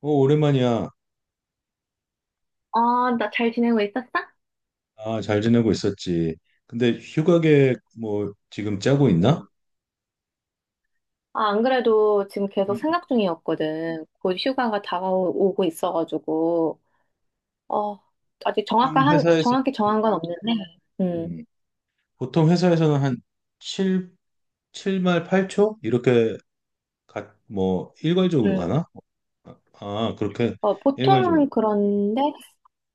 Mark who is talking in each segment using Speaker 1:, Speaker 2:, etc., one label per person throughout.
Speaker 1: 오랜만이야.
Speaker 2: 아, 나 잘 지내고 있었어?
Speaker 1: 잘 지내고 있었지. 근데 휴가 계획 뭐 지금 짜고 있나?
Speaker 2: 응. 아, 안 그래도 지금 계속
Speaker 1: 음.
Speaker 2: 생각 중이었거든. 곧 휴가가 다가오고 있어가지고, 어, 아직
Speaker 1: 보통
Speaker 2: 정확한,
Speaker 1: 회사에서
Speaker 2: 정확히 정한 건 없는데, 음,
Speaker 1: 음, 보통 회사에서는 한 7, 칠말 8초 이렇게 뭐 일괄적으로
Speaker 2: 음,
Speaker 1: 가나? 그렇게 일괄적으로.
Speaker 2: 보통은 그런데,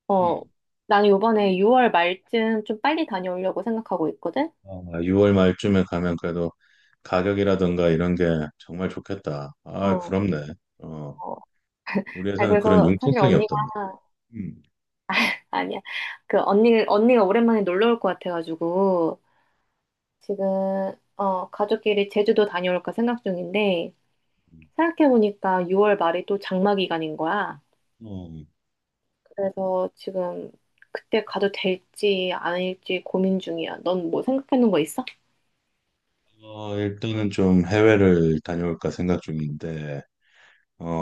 Speaker 2: 어,
Speaker 1: 음.
Speaker 2: 나는 요번에 6월 말쯤 좀 빨리 다녀오려고 생각하고 있거든?
Speaker 1: 아, 6월 말쯤에 가면 그래도 가격이라든가 이런 게 정말 좋겠다. 아,
Speaker 2: 어,
Speaker 1: 부럽네.
Speaker 2: 어.
Speaker 1: 우리
Speaker 2: 아,
Speaker 1: 회사는 그런
Speaker 2: 그래서 사실
Speaker 1: 융통성이
Speaker 2: 언니가,
Speaker 1: 없단 말이야. 음.
Speaker 2: 아니야. 그 언니가 오랜만에 놀러 올 것 같아가지고, 지금, 가족끼리 제주도 다녀올까 생각 중인데, 생각해보니까 6월 말이 또 장마 기간인 거야.
Speaker 1: 어.
Speaker 2: 그래서 지금 그때 가도 될지 아닐지 고민 중이야. 넌 뭐 생각해 놓은 거 있어?
Speaker 1: 일단은 좀 해외를 다녀올까 생각 중인데,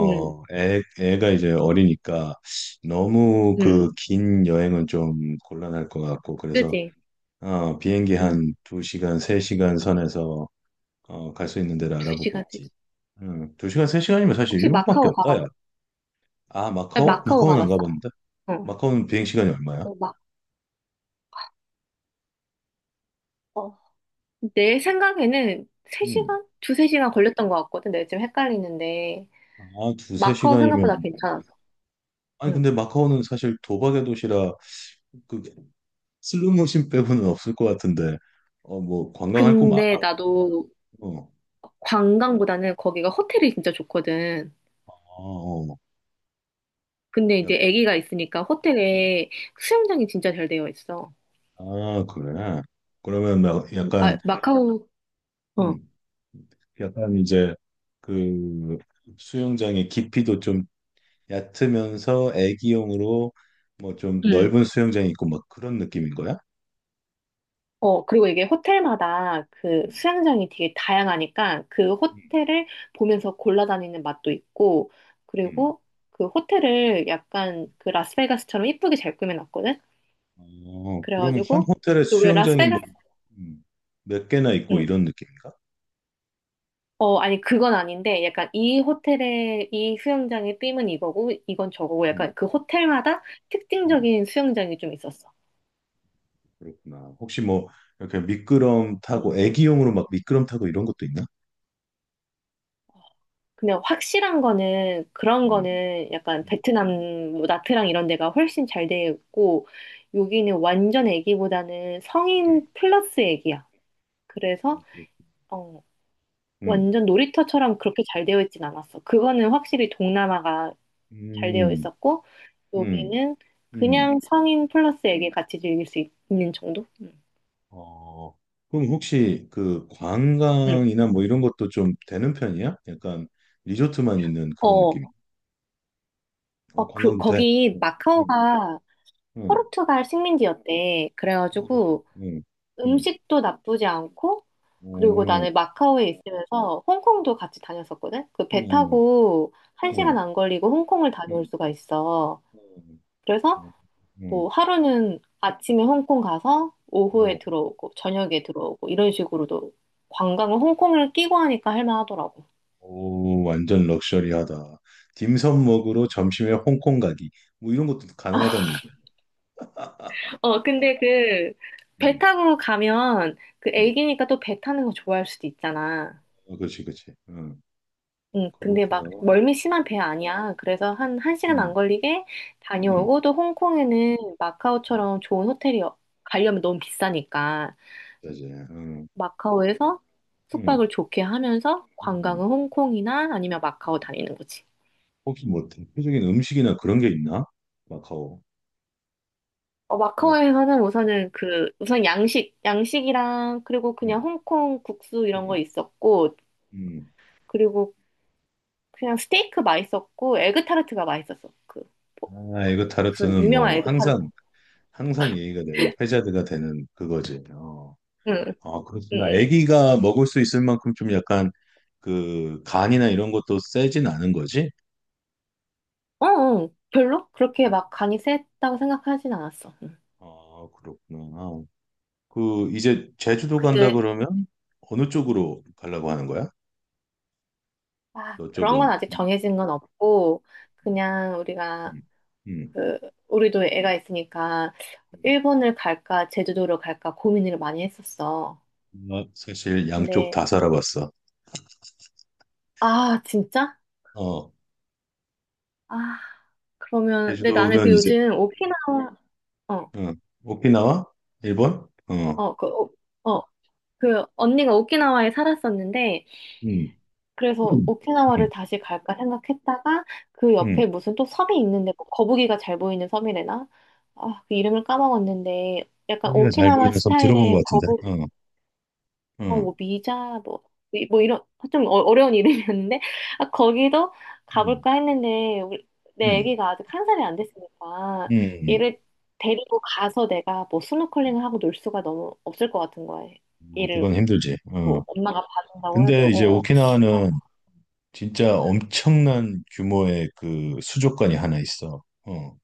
Speaker 2: 응,
Speaker 1: 애, 애가 이제 어리니까 너무
Speaker 2: 응,
Speaker 1: 그
Speaker 2: 응.
Speaker 1: 긴 여행은 좀 곤란할 것 같고, 그래서
Speaker 2: 그지?
Speaker 1: 비행기
Speaker 2: 응.
Speaker 1: 한 2시간, 3시간 선에서 갈 수 있는 데를 알아보고
Speaker 2: 2시가
Speaker 1: 있지.
Speaker 2: 되지.
Speaker 1: 2시간, 3시간이면 사실
Speaker 2: 혹시
Speaker 1: 일본밖에
Speaker 2: 마카오
Speaker 1: 없다,
Speaker 2: 가봤어?
Speaker 1: 야.
Speaker 2: 아,
Speaker 1: 마카오?
Speaker 2: 마카오
Speaker 1: 마카오는 안
Speaker 2: 가봤어?
Speaker 1: 가봤는데?
Speaker 2: 어.
Speaker 1: 마카오는 비행시간이 얼마야?
Speaker 2: 어, 마, 어. 내 생각에는
Speaker 1: 음.
Speaker 2: 3시간? 2, 3시간 걸렸던 것 같거든. 내가 지금 헷갈리는데.
Speaker 1: 아, 두세
Speaker 2: 마카오
Speaker 1: 시간이면
Speaker 2: 생각보다
Speaker 1: 괜찮아.
Speaker 2: 괜찮았어.
Speaker 1: 아니,
Speaker 2: 응.
Speaker 1: 근데 마카오는 사실 도박의 도시라 그 슬로모션 빼고는 없을 것 같은데, 뭐, 관광할 곳 많아?
Speaker 2: 근데 나도
Speaker 1: 어,
Speaker 2: 관광보다는 거기가 호텔이 진짜 좋거든.
Speaker 1: 아, 어,
Speaker 2: 근데 이제
Speaker 1: 약,
Speaker 2: 아기가 있으니까 호텔에 수영장이 진짜 잘 되어 있어.
Speaker 1: 아, 그래. 그러면 막 약간,
Speaker 2: 아, 마카오. 어,
Speaker 1: 음, 약간 이제 그 수영장의 깊이도 좀 얕으면서 애기용으로 뭐 좀
Speaker 2: 음.
Speaker 1: 넓은 수영장이 있고 막 그런 느낌인 거야?
Speaker 2: 그리고 이게 호텔마다 그
Speaker 1: 음,
Speaker 2: 수영장이 되게 다양하니까 그
Speaker 1: 음,
Speaker 2: 호텔을 보면서 골라다니는 맛도 있고,
Speaker 1: 음.
Speaker 2: 그리고 그 호텔을 약간 그 라스베가스처럼 이쁘게 잘 꾸며놨거든?
Speaker 1: 그러면 한
Speaker 2: 그래가지고,
Speaker 1: 호텔에
Speaker 2: 그 왜
Speaker 1: 수영장이 뭐,
Speaker 2: 라스베가스,
Speaker 1: 음, 몇 개나 있고
Speaker 2: 음.
Speaker 1: 이런 느낌인가?
Speaker 2: 아니, 그건 아닌데, 약간 이 호텔의, 이 수영장의 빔은 이거고, 이건 저거고,
Speaker 1: 음,
Speaker 2: 약간 그 호텔마다
Speaker 1: 음.
Speaker 2: 특징적인 수영장이 좀 있었어.
Speaker 1: 그렇구나. 혹시 뭐 이렇게 미끄럼 타고
Speaker 2: 음.
Speaker 1: 애기용으로 막 미끄럼 타고 이런 것도 있나?
Speaker 2: 그냥 확실한 거는 그런
Speaker 1: 음,
Speaker 2: 거는 약간 베트남 뭐 나트랑 이런 데가 훨씬 잘 되어 있고 여기는 완전 애기보다는
Speaker 1: 음,
Speaker 2: 성인 플러스 애기야. 그래서 어,
Speaker 1: 음,
Speaker 2: 완전 놀이터처럼 그렇게 잘 되어 있진 않았어. 그거는 확실히 동남아가 잘 되어
Speaker 1: 음,
Speaker 2: 있었고
Speaker 1: 음,
Speaker 2: 여기는
Speaker 1: 음.
Speaker 2: 그냥 성인 플러스 애기 같이 즐길 수 있는 정도? 음.
Speaker 1: 어, 그럼 혹시 그
Speaker 2: 음.
Speaker 1: 관광이나 뭐 이런 것도 좀 되는 편이야? 약간 리조트만 있는 그런
Speaker 2: 어,
Speaker 1: 느낌.
Speaker 2: 그,
Speaker 1: 관광 도 돼?
Speaker 2: 거기
Speaker 1: 응, 응,
Speaker 2: 마카오가
Speaker 1: 응.
Speaker 2: 포르투갈 식민지였대.
Speaker 1: 그렇지.
Speaker 2: 그래가지고
Speaker 1: 응, 응.
Speaker 2: 음식도 나쁘지 않고, 그리고
Speaker 1: 오,
Speaker 2: 나는 마카오에 있으면서 홍콩도 같이 다녔었거든? 그
Speaker 1: 응,
Speaker 2: 배
Speaker 1: 응,
Speaker 2: 타고 1시간
Speaker 1: 응,
Speaker 2: 안 걸리고 홍콩을 다녀올
Speaker 1: 응,
Speaker 2: 수가 있어. 그래서
Speaker 1: 응,
Speaker 2: 뭐 하루는 아침에 홍콩 가서
Speaker 1: 응.
Speaker 2: 오후에 들어오고, 저녁에 들어오고, 이런 식으로도 관광을 홍콩을 끼고 하니까 할만하더라고.
Speaker 1: 오, 완전 럭셔리하다. 딤섬 먹으러 점심에 홍콩 가기. 뭐 이런 것도 가능하다는 얘기야.
Speaker 2: 근데 그 배
Speaker 1: 응,
Speaker 2: 타고 가면 그
Speaker 1: 응.
Speaker 2: 애기니까 또 배 타는 거 좋아할 수도 있잖아.
Speaker 1: 그렇지, 그렇지. 응,
Speaker 2: 응, 근데 막
Speaker 1: 그렇구나.
Speaker 2: 멀미 심한 배 아니야. 그래서 한, 1시간
Speaker 1: 응,
Speaker 2: 안 걸리게
Speaker 1: 응,
Speaker 2: 다녀오고 또 홍콩에는
Speaker 1: 응.
Speaker 2: 마카오처럼 좋은 호텔이 가려면 너무 비싸니까
Speaker 1: 자제. 응,
Speaker 2: 마카오에서
Speaker 1: 응,
Speaker 2: 숙박을 좋게 하면서
Speaker 1: 응.
Speaker 2: 관광은 홍콩이나 아니면 마카오
Speaker 1: 응.
Speaker 2: 다니는 거지.
Speaker 1: 혹시 뭐 대표적인 음식이나 그런 게 있나? 마카오. 약,
Speaker 2: 마카오에서는 우선은 그, 우선 양식이랑 그리고
Speaker 1: 응,
Speaker 2: 그냥 홍콩 국수 이런 거
Speaker 1: 응,
Speaker 2: 있었고
Speaker 1: 응.
Speaker 2: 그리고 그냥 스테이크 맛있었고 에그 타르트가 맛있었어. 그, 포-
Speaker 1: 이거
Speaker 2: 그 무슨
Speaker 1: 타르트는
Speaker 2: 유명한
Speaker 1: 뭐
Speaker 2: 에그 타르트.
Speaker 1: 항상 항상 얘기가 되는 회자드가 되는 그거지.
Speaker 2: 응, 응,
Speaker 1: 그렇구나.
Speaker 2: 응.
Speaker 1: 아기가 먹을 수 있을 만큼 좀 약간 그 간이나 이런 것도 세진 않은 거지?
Speaker 2: 어, 어, 별로 그렇게 막 간이 세다고 생각하진 않았어.
Speaker 1: 그렇구나. 그 이제 제주도 간다
Speaker 2: 근데
Speaker 1: 그러면 어느 쪽으로 가려고 하는 거야?
Speaker 2: 아,
Speaker 1: 너
Speaker 2: 그런 건
Speaker 1: 쪽은?
Speaker 2: 아직 정해진 건 없고 그냥 우리가
Speaker 1: 음, 음,
Speaker 2: 그 우리도 애가 있으니까
Speaker 1: 음.
Speaker 2: 일본을 갈까 제주도를 갈까 고민을 많이 했었어.
Speaker 1: 나 사실 양쪽
Speaker 2: 근데
Speaker 1: 다 살아봤어.
Speaker 2: 아 진짜?
Speaker 1: 어,
Speaker 2: 아 그러면 근데 나는 그
Speaker 1: 제주도는 이제
Speaker 2: 요즘 오키나와
Speaker 1: 어, 오키나와 일본?
Speaker 2: 어어그어그 언니가 오키나와에 살았었는데
Speaker 1: 음,
Speaker 2: 그래서
Speaker 1: 음, 음,
Speaker 2: 오키나와를 다시 갈까 생각했다가 그
Speaker 1: 음.
Speaker 2: 옆에 무슨 또 섬이 있는데 뭐 거북이가 잘 보이는 섬이래나? 아, 그 이름을 까먹었는데 약간
Speaker 1: 고기가 잘
Speaker 2: 오키나와
Speaker 1: 보이는 섬 들어본 것
Speaker 2: 스타일의
Speaker 1: 같은데.
Speaker 2: 거북이,
Speaker 1: 어,
Speaker 2: 뭐
Speaker 1: 음,
Speaker 2: 미자, 뭐, 뭐 이런 좀 어려운 이름이었는데 아, 거기도
Speaker 1: 음,
Speaker 2: 가볼까 했는데 우리, 내
Speaker 1: 음.
Speaker 2: 아기가 아직 한 살이 안 됐으니까
Speaker 1: 음.
Speaker 2: 얘를 데리고 가서 내가 뭐 스노클링을 하고 놀 수가 너무 없을 것 같은 거야. 얘를
Speaker 1: 그건 힘들지. 어.
Speaker 2: 뭐 엄마가 봐준다고 해도
Speaker 1: 근데 이제
Speaker 2: 어, 어. 아,
Speaker 1: 오키나와는 진짜
Speaker 2: 응.
Speaker 1: 엄청난 규모의 그 수족관이 하나 있어.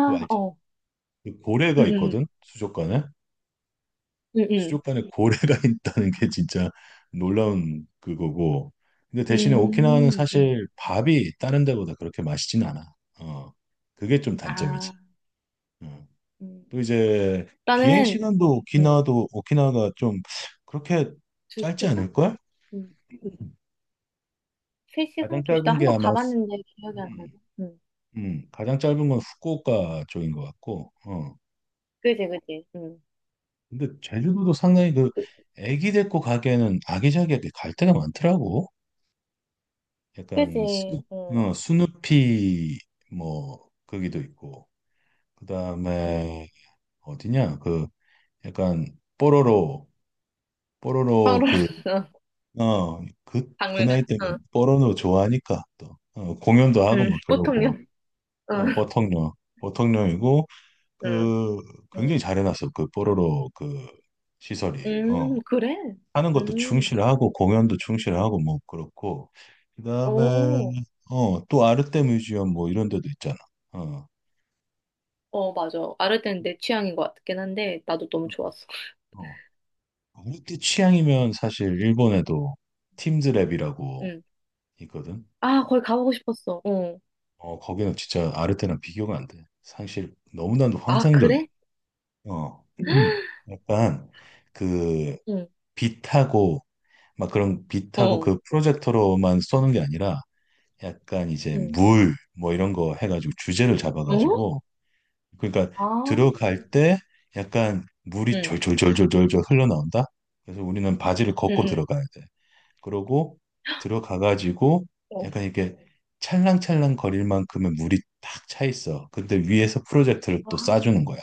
Speaker 1: 그거 알지?
Speaker 2: 어.
Speaker 1: 그 고래가
Speaker 2: 응,
Speaker 1: 있거든, 수족관에.
Speaker 2: 응, 응,
Speaker 1: 수족관에 고래가 있다는 게 진짜 놀라운 그거고. 근데
Speaker 2: 응.
Speaker 1: 대신에 오키나와는 사실 밥이 다른 데보다 그렇게 맛있진 않아. 어, 그게 좀
Speaker 2: 아,
Speaker 1: 단점이지. 어.
Speaker 2: 음.
Speaker 1: 또 이제 비행
Speaker 2: 나는
Speaker 1: 시간도
Speaker 2: 음.
Speaker 1: 오키나와도 오키나와가 좀 그렇게
Speaker 2: 두
Speaker 1: 짧지
Speaker 2: 시간?
Speaker 1: 않을걸?
Speaker 2: 음. 세
Speaker 1: 가장
Speaker 2: 시간? 2시간?
Speaker 1: 짧은 게
Speaker 2: 한번
Speaker 1: 아마
Speaker 2: 가봤는데 기억이 안 나네.
Speaker 1: 음,
Speaker 2: 음.
Speaker 1: 가장 짧은 건 후쿠오카 쪽인 것 같고, 어.
Speaker 2: 그지, 그지. 음.
Speaker 1: 근데 제주도도 상당히 그
Speaker 2: 그,
Speaker 1: 애기 데리고 가기에는 아기자기하게 갈 데가 많더라고.
Speaker 2: 그지.
Speaker 1: 약간 수,
Speaker 2: 응,
Speaker 1: 스누피 뭐 거기도 있고
Speaker 2: 음.
Speaker 1: 그다음에 어디냐 그 약간 뽀로로
Speaker 2: 서
Speaker 1: 뽀로로
Speaker 2: 로 응,
Speaker 1: 그어그 그 그
Speaker 2: 박물관,
Speaker 1: 나이 때는
Speaker 2: 응,
Speaker 1: 뽀로로 좋아하니까 또 공연도 하고
Speaker 2: 응,
Speaker 1: 막
Speaker 2: 보통요.
Speaker 1: 그러고
Speaker 2: 응,
Speaker 1: 어, 보통령 보통령이고
Speaker 2: 응,
Speaker 1: 그 굉장히
Speaker 2: 음.
Speaker 1: 잘해놨어 그 뽀로로 그 시설이 어.
Speaker 2: 그래.
Speaker 1: 하는 것도
Speaker 2: 음,
Speaker 1: 충실하고 공연도 충실하고 뭐 그렇고 그다음에
Speaker 2: 오,
Speaker 1: 어 또 아르테 뮤지엄 뭐 이런 데도 있잖아. 어.
Speaker 2: 어, 맞아. 아르덴 내 취향인 것 같긴 한데, 나도 너무
Speaker 1: 음,
Speaker 2: 좋았어.
Speaker 1: 어. 아르테 취향이면 사실 일본에도 팀즈랩이라고
Speaker 2: 응.
Speaker 1: 있거든.
Speaker 2: 아, 거기 가보고 싶었어. 어.
Speaker 1: 어 거기는 진짜 아르테랑 비교가 안 돼. 사실 너무나도
Speaker 2: 아,
Speaker 1: 환상적이야.
Speaker 2: 그래?
Speaker 1: 어. 약간 그
Speaker 2: 응,
Speaker 1: 빛하고 막 그런 빛하고
Speaker 2: 어.
Speaker 1: 그 프로젝터로만 쏘는 게 아니라 약간 이제 물 뭐 이런 거 해가지고 주제를
Speaker 2: 어?
Speaker 1: 잡아가지고 그러니까
Speaker 2: 아,
Speaker 1: 들어갈 때 약간 물이
Speaker 2: 응,
Speaker 1: 졸졸졸졸졸 흘러나온다. 그래서 우리는 바지를
Speaker 2: 응,
Speaker 1: 걷고
Speaker 2: 응.
Speaker 1: 들어가야 돼. 그러고 들어가 가지고
Speaker 2: 어,
Speaker 1: 약간 이렇게 찰랑찰랑 거릴 만큼의 물이 딱 차 있어. 근데 위에서 프로젝터를 또
Speaker 2: 와,
Speaker 1: 쏴주는 거야.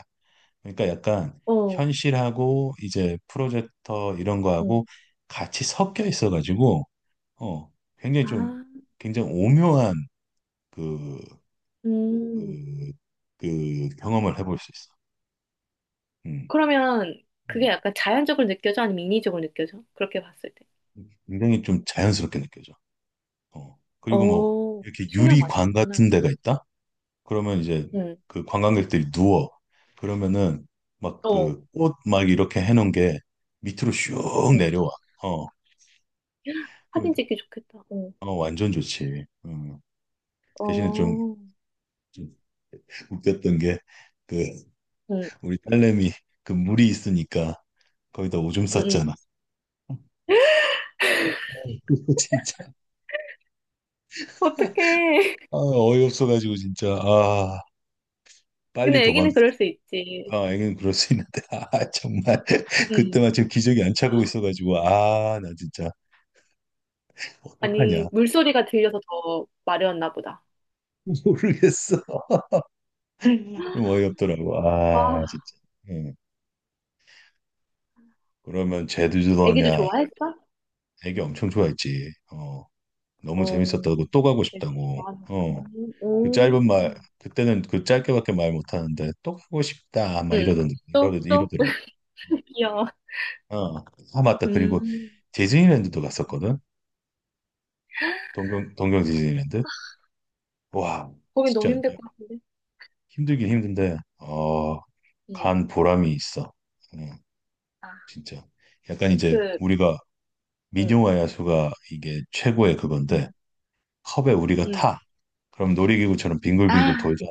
Speaker 1: 그러니까 약간
Speaker 2: 어,
Speaker 1: 현실하고 이제 프로젝터 이런
Speaker 2: 어.
Speaker 1: 거하고 같이 섞여 있어 가지고 어 굉장히 좀
Speaker 2: 아,
Speaker 1: 굉장히 오묘한 그,
Speaker 2: 음.
Speaker 1: 그, 그 경험을 해볼 수 있어. 음.
Speaker 2: 그러면 그게
Speaker 1: 음.
Speaker 2: 약간 자연적으로 느껴져? 아니면 인위적으로 느껴져? 그렇게 봤을 때.
Speaker 1: 굉장히 좀 자연스럽게 느껴져. 어. 그리고 뭐
Speaker 2: 어,
Speaker 1: 이렇게
Speaker 2: 신경 많이
Speaker 1: 유리관
Speaker 2: 썼구나.
Speaker 1: 같은 데가
Speaker 2: 응,
Speaker 1: 있다? 그러면 이제
Speaker 2: 응,
Speaker 1: 그 관광객들이 누워. 그러면은 막
Speaker 2: 어,
Speaker 1: 그 꽃 막 이렇게 해놓은 게 밑으로 슉
Speaker 2: 응.
Speaker 1: 내려와. 어.
Speaker 2: 사진
Speaker 1: 그러니까
Speaker 2: 찍기 좋겠다. 응,
Speaker 1: 완전 좋지. 음. 대신에
Speaker 2: 어,
Speaker 1: 좀 웃겼던 게 그
Speaker 2: 응,
Speaker 1: 우리 딸내미 그 물이 있으니까 거기다 오줌
Speaker 2: 응, 응.
Speaker 1: 쌌잖아. 진짜.
Speaker 2: 어떡해.
Speaker 1: 어이없어가지고 진짜. 빨리
Speaker 2: 근데
Speaker 1: 도망.
Speaker 2: 애기는 그럴 수 있지.
Speaker 1: 애는 그럴 수 있는데, 아, 정말,
Speaker 2: 응.
Speaker 1: 그때만 지금 기적이 안 차고 있어가지고, 아, 나 진짜,
Speaker 2: 아니,
Speaker 1: 어떡하냐.
Speaker 2: 물소리가 들려서 더 마려웠나 보다.
Speaker 1: 모르겠어. 좀 어이없더라고.
Speaker 2: 아,
Speaker 1: 아, 진짜. 예. 그러면
Speaker 2: 애기도
Speaker 1: 제주도냐.
Speaker 2: 좋아했어?
Speaker 1: 애기 엄청 좋아했지. 너무
Speaker 2: 어,
Speaker 1: 재밌었다고, 또 가고
Speaker 2: 되게
Speaker 1: 싶다고.
Speaker 2: 좋아하는 거.
Speaker 1: 어, 그
Speaker 2: 오,
Speaker 1: 짧은 말, 그때는 그 짧게밖에 말 못하는데, 또 가고 싶다. 막
Speaker 2: 응. 또, 또?
Speaker 1: 이러더라고.
Speaker 2: 귀여워.
Speaker 1: 어, 맞다. 그리고
Speaker 2: 음,
Speaker 1: 디즈니랜드도 갔었거든. 동경 디즈니랜드. 와,
Speaker 2: 보기 너무
Speaker 1: 진짜.
Speaker 2: 힘들 것 같은데.
Speaker 1: 힘들긴 힘든데
Speaker 2: 응
Speaker 1: 간 보람이 있어. 응,
Speaker 2: 아,
Speaker 1: 진짜. 약간 이제
Speaker 2: 그,
Speaker 1: 우리가
Speaker 2: 응,
Speaker 1: 민요와 야수가 이게 최고의
Speaker 2: 응
Speaker 1: 그건데 컵에 우리가
Speaker 2: 응,
Speaker 1: 타. 그럼 놀이기구처럼
Speaker 2: 아,
Speaker 1: 빙글빙글 돌잖아.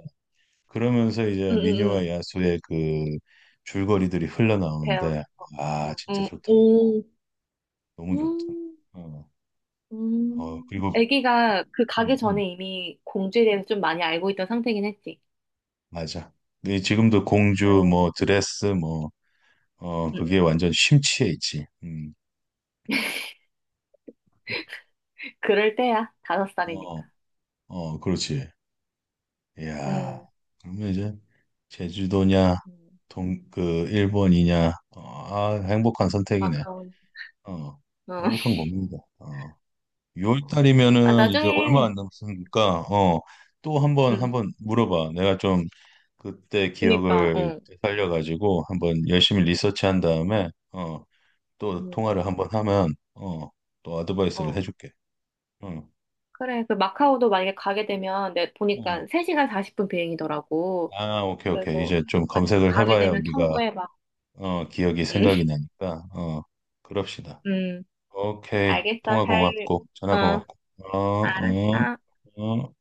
Speaker 1: 그러면서
Speaker 2: 응,
Speaker 1: 이제
Speaker 2: 응, 응.
Speaker 1: 민요와 야수의 그 줄거리들이
Speaker 2: 배우.
Speaker 1: 흘러나오는데
Speaker 2: 어,
Speaker 1: 아
Speaker 2: 어,
Speaker 1: 진짜
Speaker 2: 응.
Speaker 1: 좋더라고.
Speaker 2: 오,
Speaker 1: 너무 좋더라.
Speaker 2: 음,
Speaker 1: 어, 어 그리고
Speaker 2: 애기가 그 가기
Speaker 1: 음, 음,
Speaker 2: 전에 이미 공주에 대해서 좀 많이 알고 있던 상태긴 했지.
Speaker 1: 맞아. 근데 지금도 공주
Speaker 2: 응,
Speaker 1: 뭐 드레스 뭐 어
Speaker 2: 응,
Speaker 1: 그게
Speaker 2: 응.
Speaker 1: 완전 심취해 있지. 음.
Speaker 2: 그럴 때야. 다섯
Speaker 1: 어,
Speaker 2: 살이니까.
Speaker 1: 어, 그렇지. 이야,
Speaker 2: 응
Speaker 1: 그러면 이제 제주도냐,
Speaker 2: 응,
Speaker 1: 동, 그, 일본이냐, 어, 아, 행복한 선택이네.
Speaker 2: 마카오니.
Speaker 1: 어,
Speaker 2: 어.
Speaker 1: 행복한 겁니다.
Speaker 2: 아,
Speaker 1: 6월달이면은 이제 얼마
Speaker 2: 나중에,
Speaker 1: 안 남았으니까, 또
Speaker 2: 응.
Speaker 1: 한번 물어봐. 내가 좀 그때
Speaker 2: 그니까,
Speaker 1: 기억을
Speaker 2: 어.
Speaker 1: 살려가지고 한번 열심히
Speaker 2: 음.
Speaker 1: 리서치한 다음에, 또
Speaker 2: 음,
Speaker 1: 통화를 한번 하면, 또 어드바이스를
Speaker 2: 어.
Speaker 1: 해줄게. 응.
Speaker 2: 그래, 그 마카오도 만약에 가게 되면, 내
Speaker 1: 어,
Speaker 2: 보니까 3시간 40분 비행이더라고.
Speaker 1: 오케이, 오케이.
Speaker 2: 그래서,
Speaker 1: 이제 좀
Speaker 2: 만약에
Speaker 1: 검색을
Speaker 2: 가게
Speaker 1: 해봐야
Speaker 2: 되면
Speaker 1: 우리가
Speaker 2: 청구해봐.
Speaker 1: 어, 기억이
Speaker 2: 음,
Speaker 1: 생각이 나니까, 그럽시다.
Speaker 2: 음.
Speaker 1: 오케이.
Speaker 2: 알겠어,
Speaker 1: 통화
Speaker 2: 잘,
Speaker 1: 고맙고, 전화
Speaker 2: 어,
Speaker 1: 고맙고. 어, 어,
Speaker 2: 알았어.
Speaker 1: 어.